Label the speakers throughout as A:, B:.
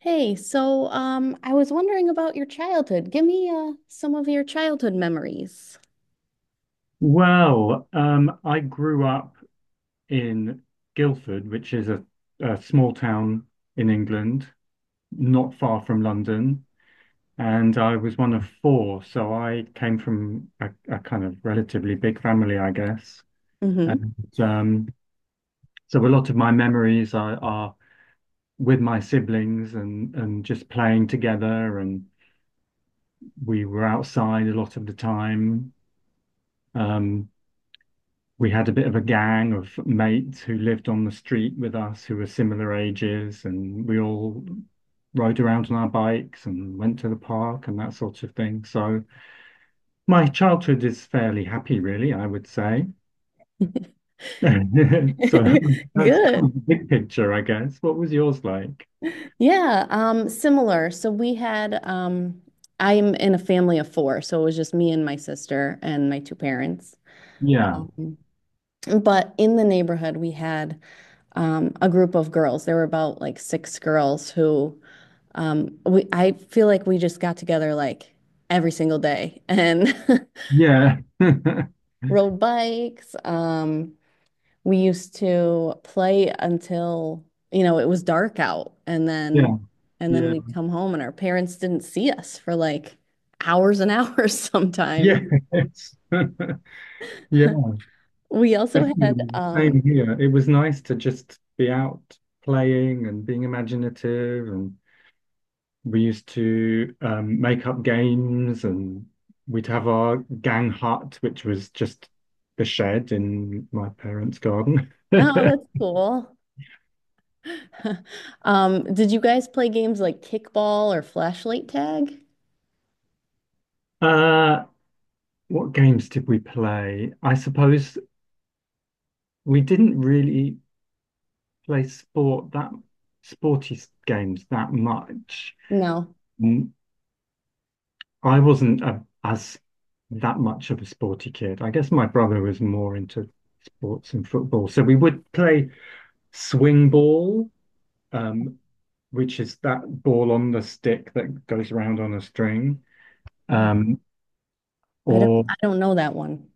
A: Hey, I was wondering about your childhood. Give me some of your childhood memories.
B: I grew up in Guildford, which is a small town in England, not far from London. And I was one of four, so I came from a kind of relatively big family, I guess.
A: Hmm.
B: And um, so a lot of my memories are with my siblings and just playing together. And we were outside a lot of the time. Um, we had a bit of a gang of mates who lived on the street with us who were similar ages, and we all rode around on our bikes and went to the park and that sort of thing. So my childhood is fairly happy, really, I would say. So that's kind
A: Good.
B: of the big picture, I guess. What was yours like?
A: Yeah, similar. So we had I'm in a family of four, so it was just me and my sister and my two parents.
B: Yeah.
A: Um, but in the neighborhood, we had a group of girls. There were about like six girls who we I feel like we just got together like every single day and
B: Yeah.
A: rode bikes. We used to play until, it was dark out,
B: Yeah.
A: and then
B: Yeah.
A: we'd come home and our parents didn't see us for like hours and hours sometimes.
B: Yes. Yes.
A: We also had um,
B: Same here. It was nice to just be out playing and being imaginative and we used to make up games and we'd have our gang hut, which was just the shed in my parents' garden.
A: oh, that's cool. Did you guys play games like kickball or flashlight tag?
B: Uh, what games did we play? I suppose we didn't really play sport games that much.
A: No.
B: Mm, I wasn't a, as that much of a sporty kid. I guess my brother was more into sports and football. So we would play swing ball, um, which is that ball on the stick that goes around on a string.
A: Oh,
B: Um, or
A: I don't know that one.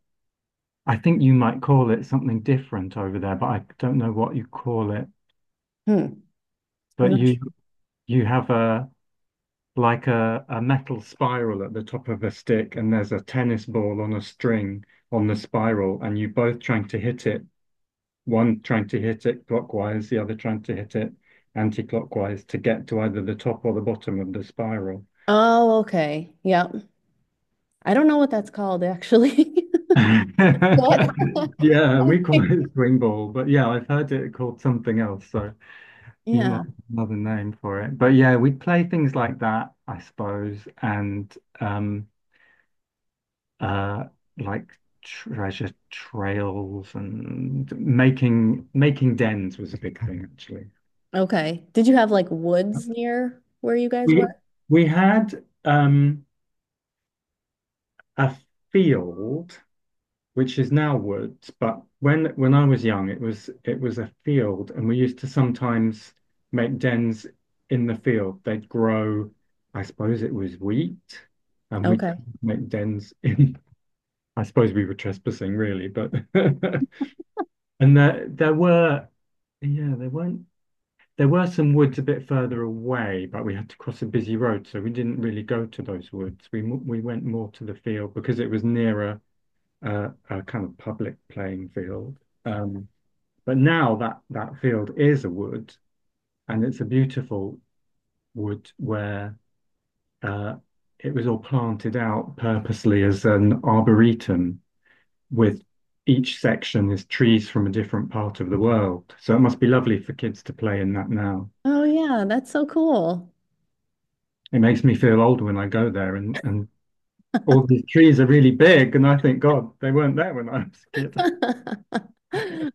B: I think you might call it something different over there, but I don't know what you call it.
A: Hmm. I'm
B: But
A: not
B: you
A: sure.
B: you have a like a metal spiral at the top of a stick, and there's a tennis ball on a string on the spiral, and you both trying to hit it, one trying to hit it clockwise, the other trying to hit it anti-clockwise to get to either the top or the bottom of the spiral.
A: Oh, okay. Yep. I don't know what that's called, actually. What?
B: Yeah, we call it swing ball, but yeah, I've heard it called something else, so you might
A: Yeah.
B: have another name for it. But yeah, we play things like that, I suppose, and um uh like treasure trails and making dens was a big thing actually.
A: Okay. Did you have like woods near where you guys
B: We
A: were?
B: we had a field, which is now woods, but when I was young, it was a field, and we used to sometimes make dens in the field. They'd grow, I suppose it was wheat, and we'd
A: Okay.
B: make dens in. I suppose we were trespassing, really, but and there there were, yeah, there weren't. There were some woods a bit further away, but we had to cross a busy road, so we didn't really go to those woods. We went more to the field because it was nearer a kind of public playing field. Um, but now that that field is a wood, and it's a beautiful wood where uh, it was all planted out purposely as an arboretum with each section is trees from a different part of the world. So it must be lovely for kids to play in that now.
A: Oh yeah, that's so cool.
B: It makes me feel old when I go there and all these trees are really big and I think, God, they weren't there when I was a kid.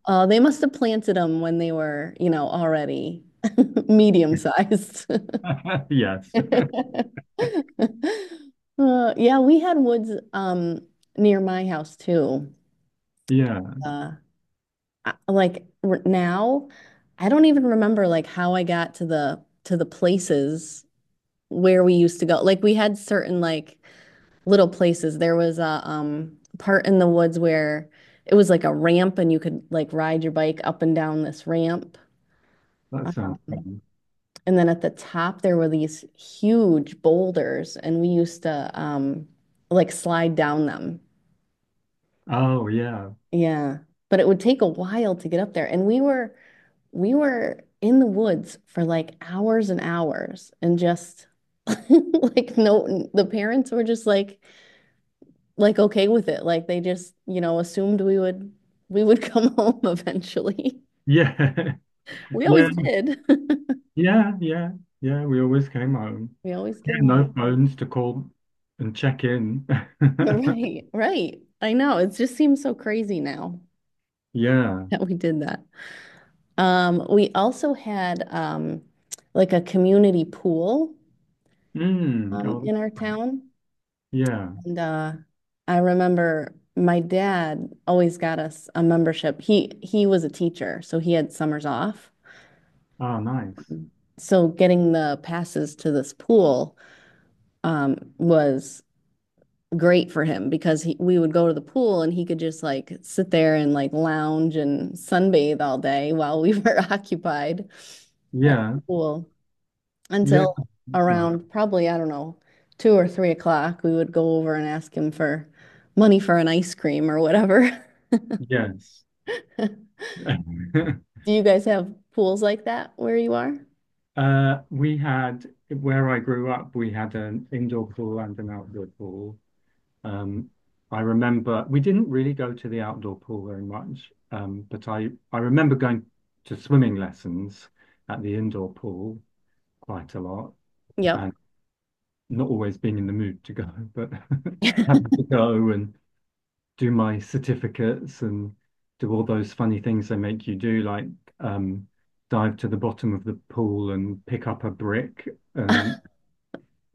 A: Oh, they must have planted them when they were, already medium sized.
B: Yes.
A: Yeah, we had woods near my house too.
B: Yeah,
A: Uh, I, like r now, I don't even remember like how I got to the places where we used to go. Like we had certain like little places. There was a part in the woods where it was like a ramp and you could like ride your bike up and down this ramp.
B: that sounds
A: Um,
B: fun.
A: and then at the top there were these huge boulders, and we used to like slide down them.
B: Oh yeah.
A: Yeah. But it would take a while to get up there. And we were in the woods for like hours and hours and just like no the parents were just like okay with it. Like they just, assumed we would come home eventually.
B: Yeah.
A: We always
B: Yeah.
A: did.
B: Yeah. Yeah. Yeah. We always came home.
A: We always
B: Yeah,
A: came home.
B: no phones to call and check in.
A: Right, right. I know. It just seems so crazy now
B: Yeah.
A: that we did that. We also had like a community pool
B: Mm. Oh
A: in our town.
B: yeah.
A: And I remember my dad always got us a membership. He was a teacher, so he had summers off.
B: Oh nice.
A: So getting the passes to this pool was great for him because he, we would go to the pool and he could just like sit there and like lounge and sunbathe all day while we were occupied at the
B: Yeah.
A: pool
B: Yeah.
A: until
B: That's nice.
A: around probably, I don't know, 2 or 3 o'clock, we would go over and ask him for money for an ice cream or whatever.
B: Yes.
A: Do you guys have pools like that where you are?
B: We had where I grew up, we had an indoor pool and an outdoor pool. Um, I remember we didn't really go to the outdoor pool very much, but I remember going to swimming lessons at the indoor pool quite a lot
A: Yep.
B: and not always being in the mood to go, but having to go and do my certificates and do all those funny things they make you do, like um, dive to the bottom of the pool and pick up a brick and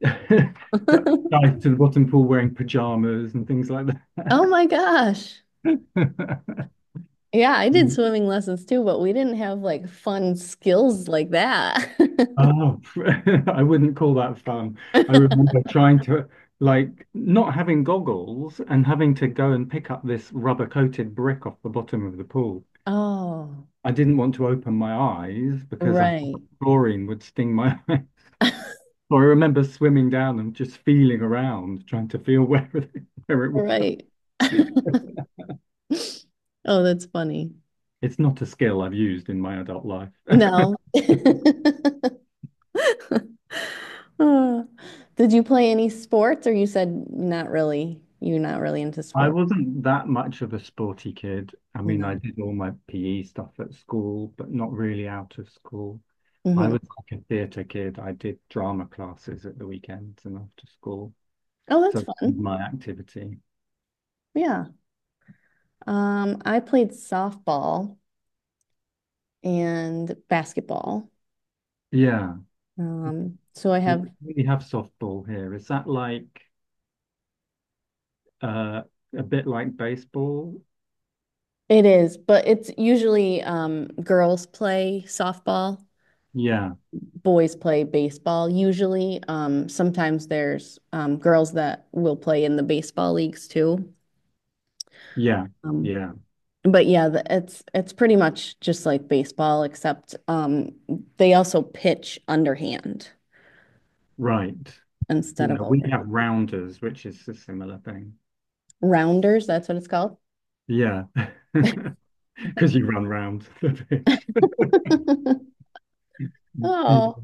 B: dive to the bottom pool wearing pajamas and things like
A: Oh my gosh.
B: that.
A: Yeah, I did swimming lessons too, but we didn't have like fun skills like that.
B: Oh, I wouldn't call that fun. I remember trying to, like, not having goggles and having to go and pick up this rubber coated brick off the bottom of the pool.
A: Oh,
B: I didn't want to open my eyes because I
A: right.
B: thought chlorine would sting my eye. So I remember swimming down and just feeling around, trying to feel where it, where it was.
A: Right. Oh, that's funny.
B: It's not a skill I've used in my adult life.
A: No. Oh. Did you play any sports, or you said not really? You're not really into
B: I
A: sport?
B: wasn't that much of a sporty kid. I mean, I
A: No.
B: did all my PE stuff at school, but not really out of school. I
A: Hmm.
B: was like a theatre kid. I did drama classes at the weekends and after school.
A: Oh,
B: So
A: that's
B: that
A: fun.
B: was my activity.
A: Yeah. I played softball and basketball.
B: Yeah.
A: So I
B: We
A: have
B: don't really have softball here. Is that like uh a bit like baseball?
A: It is, but it's usually girls play softball,
B: Yeah,
A: boys play baseball. Usually, sometimes there's girls that will play in the baseball leagues too.
B: yeah,
A: Um,
B: yeah.
A: but yeah, it's pretty much just like baseball, except they also pitch underhand
B: Right.
A: instead of
B: Yeah, we
A: over.
B: have rounders, which is a similar thing.
A: Rounders, that's what it's called.
B: Yeah. Because you run round the pitch. Yeah,
A: Oh,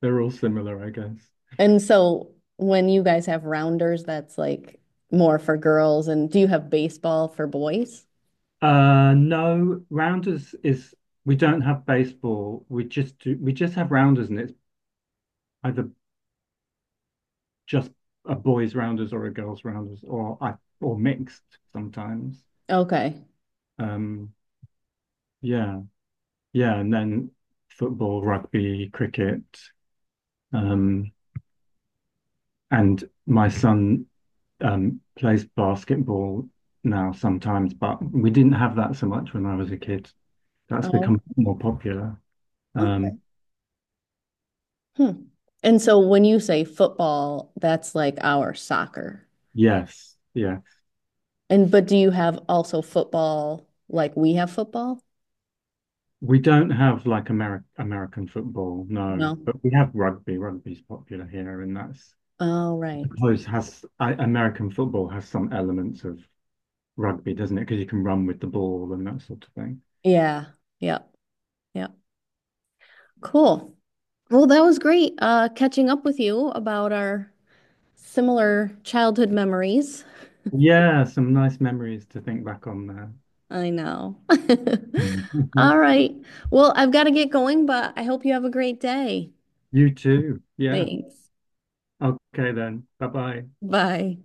B: they're all similar, I guess.
A: and so when you guys have rounders, that's like more for girls. And do you have baseball for boys?
B: No, rounders is we don't have baseball. We just have rounders and it's either just a boys rounders or a girls rounders or I or mixed sometimes.
A: Okay.
B: Um yeah. Yeah, and then football, rugby, cricket. Um and my son plays basketball now sometimes, but we didn't have that so much when I was a kid. That's
A: Oh,
B: become more popular. Um,
A: okay. Hmm. And so when you say football, that's like our soccer.
B: yes, yeah.
A: And but do you have also football like we have football?
B: We don't have like American football, no,
A: No.
B: but we have rugby. Rugby's popular here, and that's
A: Oh,
B: I
A: right.
B: suppose has I, American football has some elements of rugby, doesn't it? Because you can run with the ball and that sort of thing.
A: Yeah. Yep. Yep. Cool. Well, that was great catching up with you about our similar childhood memories.
B: Yeah, some nice memories to think back on there.
A: I know. All right. Well, I've got to get going, but I hope you have a great day.
B: You too. Yeah.
A: Thanks.
B: Okay then. Bye bye.
A: Bye.